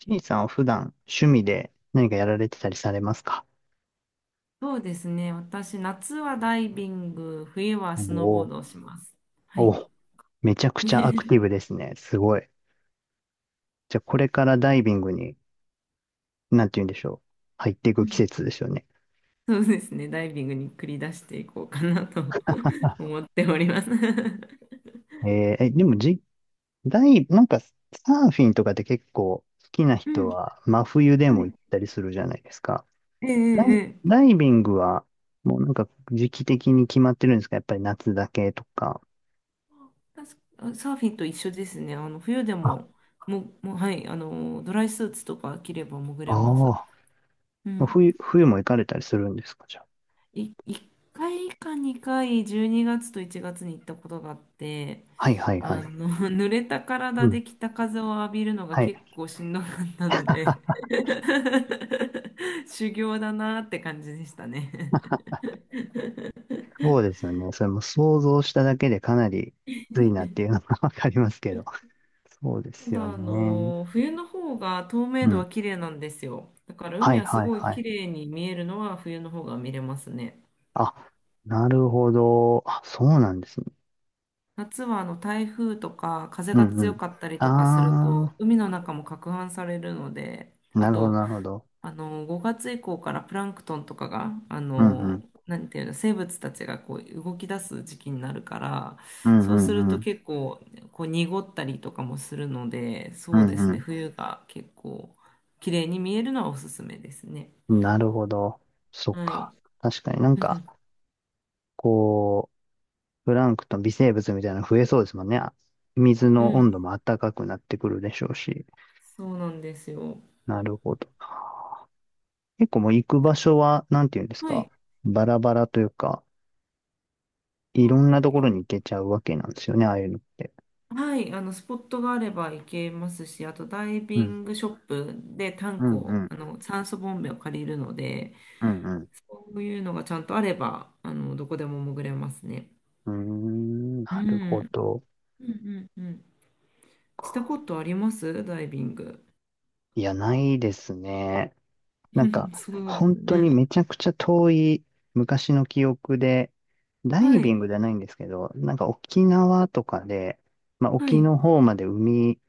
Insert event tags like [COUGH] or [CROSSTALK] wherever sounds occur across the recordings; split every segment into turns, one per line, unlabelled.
ちいさんは普段趣味で何かやられてたりされますか？
そうですね。私、夏はダイビング、冬は
お
スノーボー
ー。
ドをします。はい。
お、めちゃくちゃアクティブで
[LAUGHS]
すね。すごい。じゃあこれからダイビングに、なんて言うんでしょう。入っていく季節ですよね。
そうですね。ダイビングに繰り出していこうかなと [LAUGHS] 思っております。[LAUGHS] う
えーえ、でもじ、ダイ、なんかサーフィンとかって結構好きな人
ん。
は真冬で
は
も
い。
行ったりするじゃないですか。
え
ダイ、
えええ。
ダイビングはもうなんか時期的に決まってるんですか？やっぱり夏だけとか。
確かサーフィンと一緒ですね。あの冬で
あ、
も、もう、はい、あの、ドライスーツとか着れば潜れます。
あ
う
あ、
ん。
冬も行かれたりするんですかじゃあ。
1回か2回、12月と1月に行ったことがあって、
はいはいは
あ
い。
の [LAUGHS] 濡れた
う
体
ん。
で北風を浴びるのが
はい。
結構しんどかったので
[LAUGHS]
[LAUGHS] 修行だなって感じでしたね。
そうですよね。それも想像しただけでかなりきついなっていうのが [LAUGHS] わかりますけど。そうで
た
すよ
だあ
ね。
の冬の方が透
う
明度
ん。
は綺麗なんですよ。だから
は
海
い
はす
はい
ごい
は
綺
い。
麗に見えるのは冬の方が見れますね。
あ、なるほど。あ、そうなんですね。
夏はあの台風とか風
う
が
んう
強
ん。
かったりとかすると
あ
海の中も攪拌されるので、
ー、
あ
なるほど
と
なるほど。
あの5月以降からプランクトンとかがあ
うんう
の、
ん。
なんていうの、生物たちがこう動き出す時期になるから、
うん
そうす
う
る
んう
と
ん。
結構こう濁ったりとかもするので、
う
そうですね、
ん
冬が結構綺麗に見えるのはおすすめですね。
うん。なるほど。そっ
はい。
か。確かになん
う
か、
ん、
こう、プランクトン、微生物みたいなの増えそうですもんね。あ、水
う
の温
ん。
度も暖かくなってくるでしょうし。
そうなんですよ。
なるほど。結構もう行く場所は、なんていうんです
は
か、
い。
バラバラというか、いろんなところに行けちゃうわけなんですよね、ああいうのって。
はい、あの、スポットがあれば行けますし、あとダイ
う
ビ
ん。
ングショップでタ
う
ンク
ん、う
を、
ん、
あの、酸素ボンベを借りるので、
うん、うん。
そういうのがちゃんとあれば、あの、どこでも潜れますね。
うーん、
う
なるほ
ん。
ど。
うんうんうん。したことありますダイビング？
いや、ないですね。なんか、
[LAUGHS] そうで
本
す
当に
ね。
めちゃくちゃ遠い昔の記憶で、ダイ
は
ビン
い、
グじゃないんですけど、なんか沖縄とかで、まあ
は
沖
い、
の方まで海、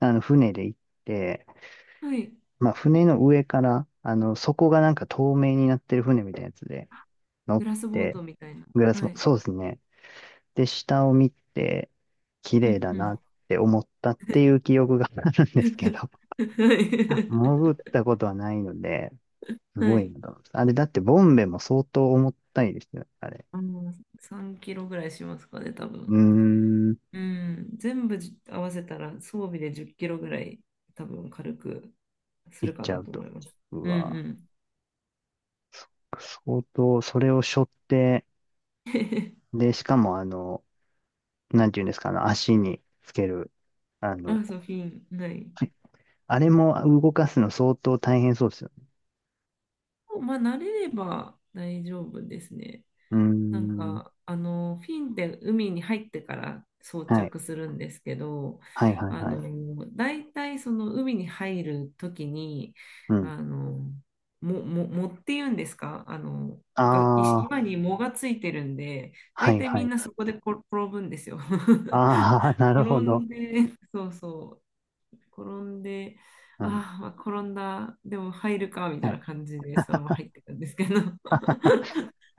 あの船で行って、
はい。
まあ、船の上から、あの、底がなんか透明になってる船みたいなやつで乗
グ
っ
ラスボー
て、
トみたいな。
グラス
は
も、
い。
そうですね。で、下を見て、綺
う
麗
ん
だ
うん。
なって思ったっていう記憶が [LAUGHS] あるんですけど、
[LAUGHS] は
[LAUGHS]
い。
潜ったことはないので、す
は
ごい
い。
なと思います。あれ、だってボンベも相当重たいですよね、あれ。
あの、3キロぐらいしますかね、多
うー
分。
ん、
うん、全部じ合わせたら装備で10キロぐらい多分軽くす
行
る
っ
か
ちゃ
な
う
と
と。
思います。
う
う
わ、
ん
相当、それを背負って、
うん。[LAUGHS]
で、しかもあの、なんていうんですか、あの、足につける、あの、
あ、そう、フィン、ない。
あれも動かすの相当大変そうですよね。
まあ、慣れれば大丈夫ですね。
うー
なん
ん。
かあのフィンって海に入ってから装
はい。
着するんですけど、
はい、はい、
あい。
はい。
の大体その海に入る時に
うん。
あの、もも藻っていうんですか、あのがい、
ああ、
今に藻がついてるんで、
は
大
い、
体
は
みん
い。
なそこでこ転ぶんですよ。[LAUGHS]
ああ、[LAUGHS] なる
転
ほど。
んで、そうそう、転んで、
うん。
あーまあ、転んだ、でも入るか、みた
は
い
い。
な感じで、そのまま入ってたんですけど、[LAUGHS]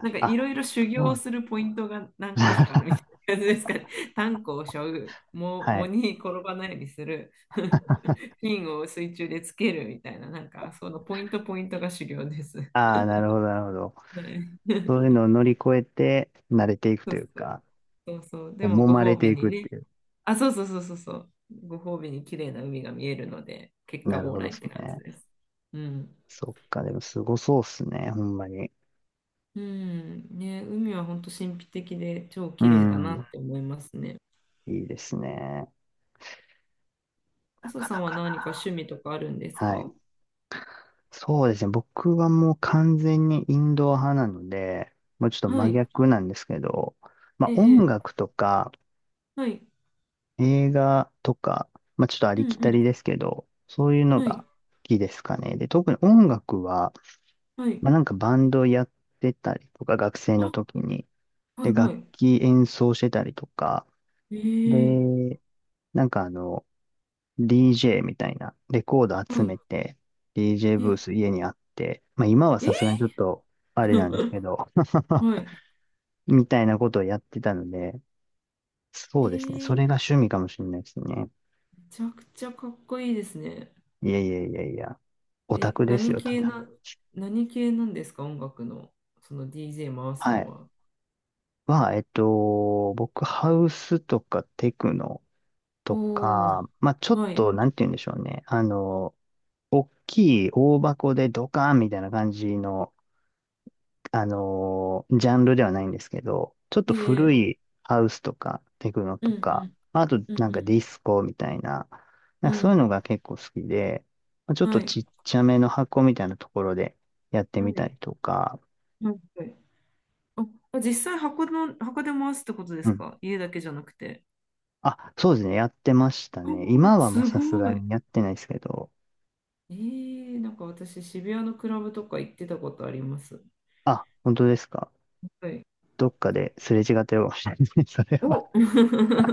なんかいろ
あ、
いろ修
そうな
行
ん
す
だ。
るポイントが何箇所かあるみ
[LAUGHS]
たいな感じですかね。炭鉱を背負う、藻
は
藻
い。
に転ばないようにする、[LAUGHS] 金を水中でつけるみたいな、なんかそのポイントポイントが修行です。
ああ、なるほど、なるほど。
はい。
そういうのを
[LAUGHS]
乗り越えて、慣れていく
そ
と
う
いう
そう
か、
そうそう。
こ
で
う
も
揉
ご
まれ
褒
て
美
い
に
くっ
ね。
ていう。
あ、そうそうそうそうそう。ご褒美に綺麗な海が見えるので、結果
なる
オー
ほ
ラ
ど
イ
で
っ
す
て感じ
ね。
です。うん。
そっか、でもすごそうっすね、ほんまに。
うん、ね、海は本当神秘的で超
う
綺麗だな
ん。
って思いますね。
いいですね。な
朝
か
さ
な
んは
か
何か
な。
趣味とかあるんです
はい。
か？
そうですね。僕はもう完全にインドア派なので、もうちょっと
は
真
い。
逆なんですけど、まあ
え
音
え、ええ。
楽とか
はい。
映画とか、まあちょっとあ
う
り
ん
き
う
たり
ん。
ですけど、そういうの
はい。
が好きですかね。で、特に音楽は、
はい。
まあなんかバンドやってたりとか、学生の
あ、
時に。
はい
で、楽
はい。
器演奏してたりとか。
ええ、
で、なんかあの、DJ みたいな、レコード
は
集
い。
めて、DJ ブー
え、
ス家にあって、まあ今はさ
え。
すがにちょっと、あれなんですけ
[LAUGHS]
ど、
は
[LAUGHS]
い。
みたいなことをやってたので、そ
え
うですね。そ
え、
れ
め
が趣味かもしれないですね。
ちゃくちゃかっこいいですね。
いやいやいやいや、オタ
え、
クです
何
よ、た
系
だ。
な、何系なんですか音楽の、その DJ 回す
は
の
い。
は。
はえっと、僕、ハウスとかテクノと
おお。
か、まあ、ちょっ
はい。
と、なんて言うんでしょうね。あの、大きい大箱でドカーンみたいな感じのジャンルではないんですけど、ちょっと
ええ、
古いハウスとかテクノ
う
と
んう
か、
ん。
まあと
う
なんかデ
ん
ィスコみたいな、な
う
んか
ん。う
そういう
ん。
のが結構好きで、まあちょっ
は
と
い。
ちっちゃめの箱みたいなところでやって
は
みた
い。
りとか、
はい。あ、実際箱の、箱で回すってことで
う
す
ん。
か、家だけじゃなくて。
あ、そうですね、やってました
あ、
ね。今はもう
す
さすが
ごい。
にやってないですけど、
えー、なんか私、渋谷のクラブとか行ってたことあります。
あ、本当ですか。
はい。
どっかですれ違ってるかもしれないですね、[LAUGHS] それは。
お。 [LAUGHS]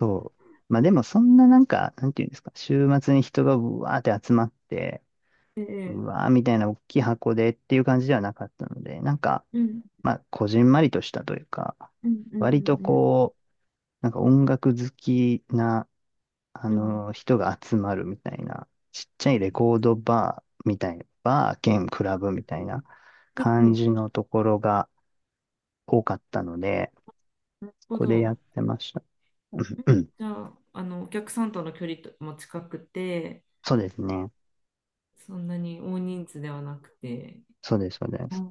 そう。まあでもそんななんか、なんていうんですか、週末に人がぶわーって集まって、
ええ。
うわーみたいな大きい箱でっていう感じではなかったので、なんか、
うん、
まあ、こじんまりとしたというか、
うん、うん、う
割と
ん、
こう、なんか音楽好きな、あ
うん。
の人が集まるみたいな、ちっちゃいレコードバーみたいな、バー兼クラブみたいな
はい、は
感
い。
じのところが多かったので、
なるほ
ここでや
ど。
ってました。うんうん、
じゃあ、あの、お客さんとの距離とも近くて、
そうですね。
そんなに大人数ではなくて、
そうです、そうです。
あ、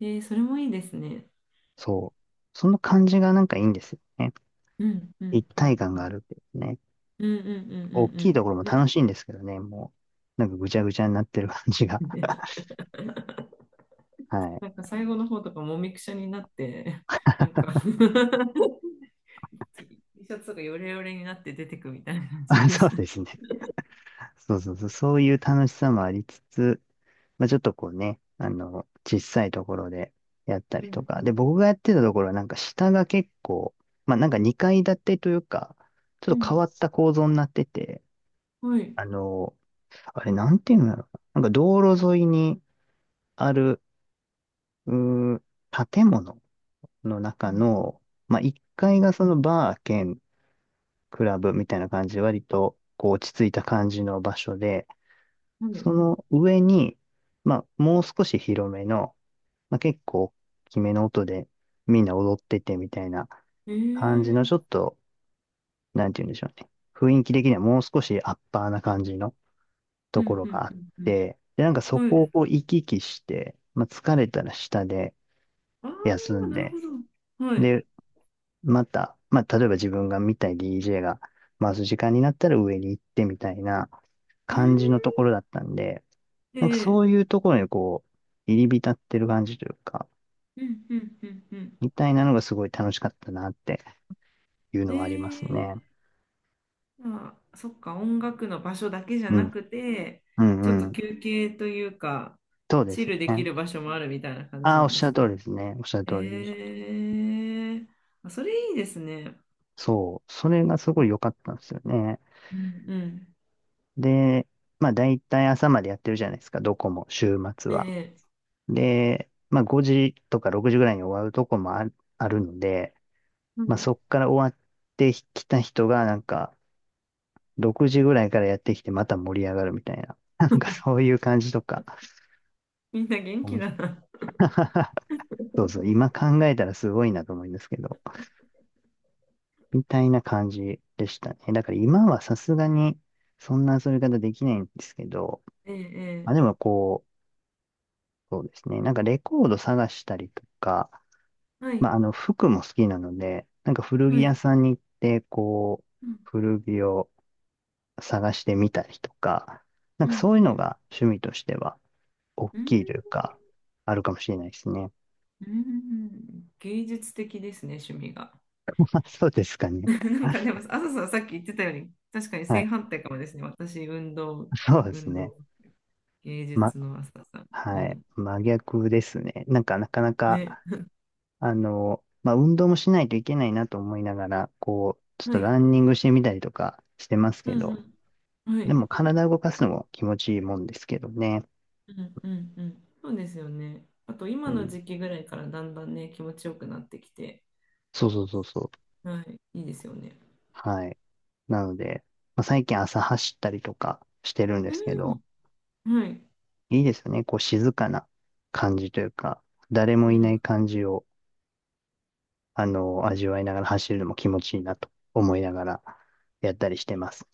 えー、それもいいですね。
そう。その感じがなんかいいんですよね。
うん、う
一
ん、う
体
ん、
感
う
があ
ん。
るんですね。
うんうんう
大きい
ん
ところも
うんう
楽しいんですけどね、もう、なんかぐちゃぐちゃになってる感じが。
ん。ね。 [LAUGHS]
[LAUGHS] はい。
なんか最後の方とかもみくちゃになって、[LAUGHS] なんか [LAUGHS] T T シャツがヨレヨレになって出てくみたいな感じ
あ、
で
そう
す。
ですね。そうそうそう、そういう楽しさもありつつ、まあ、ちょっとこうね、あの、小さいところでやった
うん
り
う
とか。で、
ん。
僕がやってたところはなんか下が結構、まあなんか2階建てというか、ちょ
う
っと変
ん。
わった構造になってて、
はい。
あの、あれなんていうんだろう。なんか道路沿いにある、うー建物の中
は
の、まあ1階が
い
そのバー兼クラブみたいな感じで割とこう落ち着いた感じの場所で、
はい。
その上に、まあもう少し広めの、まあ結構大きめの音でみんな踊っててみたいな
ええ
感じのちょっ
ー。
と、なんて言うんでしょうね。雰囲気的にはもう少しアッパーな感じの
う
とこ
ん
ろ
う
があっ
んうん
て、で、なんかそ
うん。は
こを
い。
こう行き来して、まあ疲れたら下で
あ
休
あ、
ん
なる
で、
ほど。はい。
で、また、まあ、例えば自分が見たい DJ が回す時間になったら上に行ってみたいな
うー
感じのと
ん。
ころだったんで、
え
なんか
ー。
そういうところにこう、入り浸ってる感じというか、
うんうんうんうん。
みたいなのがすごい楽しかったなっていう
え
のはありますね。
え。まあ、そっか、音楽の場所だけじゃ
う
な
ん。
くて、
う
ちょっ
んう
と
ん。
休憩というか、
そうで
チ
す
ルでき
ね。
る場所もあるみたいな感じ
ああ、
な
おっ
んで
しゃる
す
通り
ね。
ですね。おっしゃる通りです。
ええ、あ、それいいですね。
そう。それがすごい良かったんですよね。
うんうん。
で、まあ大体朝までやってるじゃないですか。どこも週末は。
ええ。
で、まあ5時とか6時ぐらいに終わるとこもあるので、
は
まあ
い。
そっから終わってきた人がなんか6時ぐらいからやってきてまた盛り上がるみたいな。[LAUGHS] なんか
[LAUGHS]
そういう感じとか。
みんな元気
面
だ
白い。
な。
[LAUGHS] そうそう、今考えたらすごいなと思うんですけど、みたいな感じでしたね。だから今はさすがにそんな遊び方できないんですけど、
え
まあで
ええ
もこう、そうですね、なんかレコード探したりとか、
え。は
ま
い、
あ、あの、服も好きなので、なんか古着
は
屋
い。
さんに行って、こう、
うん、
古着を探してみたりとか、なん
う
か
ん、
そういう
う
の
ん。
が趣味としては、大
うん、
きいというか、あるかもしれないですね。
うん、芸術的ですね、趣味が。
[LAUGHS] まあ、そうですか
[LAUGHS]
ね。
なんかでも、
[LAUGHS]
朝さんさっき言ってたように、確かに
は
正
い。
反対かもですね。私、運動、
そうです
運
ね。
動芸
ま、
術の朝さん。う
はい。
ん。
真逆ですね。なんか、なかなか、
ね。
あの、まあ、運動もしないといけないなと思いながら、こう、ちょっ
は
と
い。
ランニングしてみたりとかしてます
う
け
んう
ど、
ん。は
で
い。
も体動かすのも気持ちいいもんですけどね。
うんうんうん。そうですよね。あと
う
今の
ん、
時期ぐらいからだんだんね、気持ちよくなってきて、
そうそうそうそう。
はい。いいですよね。
はい。なので、まあ、最近朝走ったりとかしてるんですけ
う
ど、
ん。はい。
いいですよね。こう静かな感じというか、誰も
う
いな
ん。
い感じを、あの、味わいながら走るのも気持ちいいなと思いながらやったりしてます。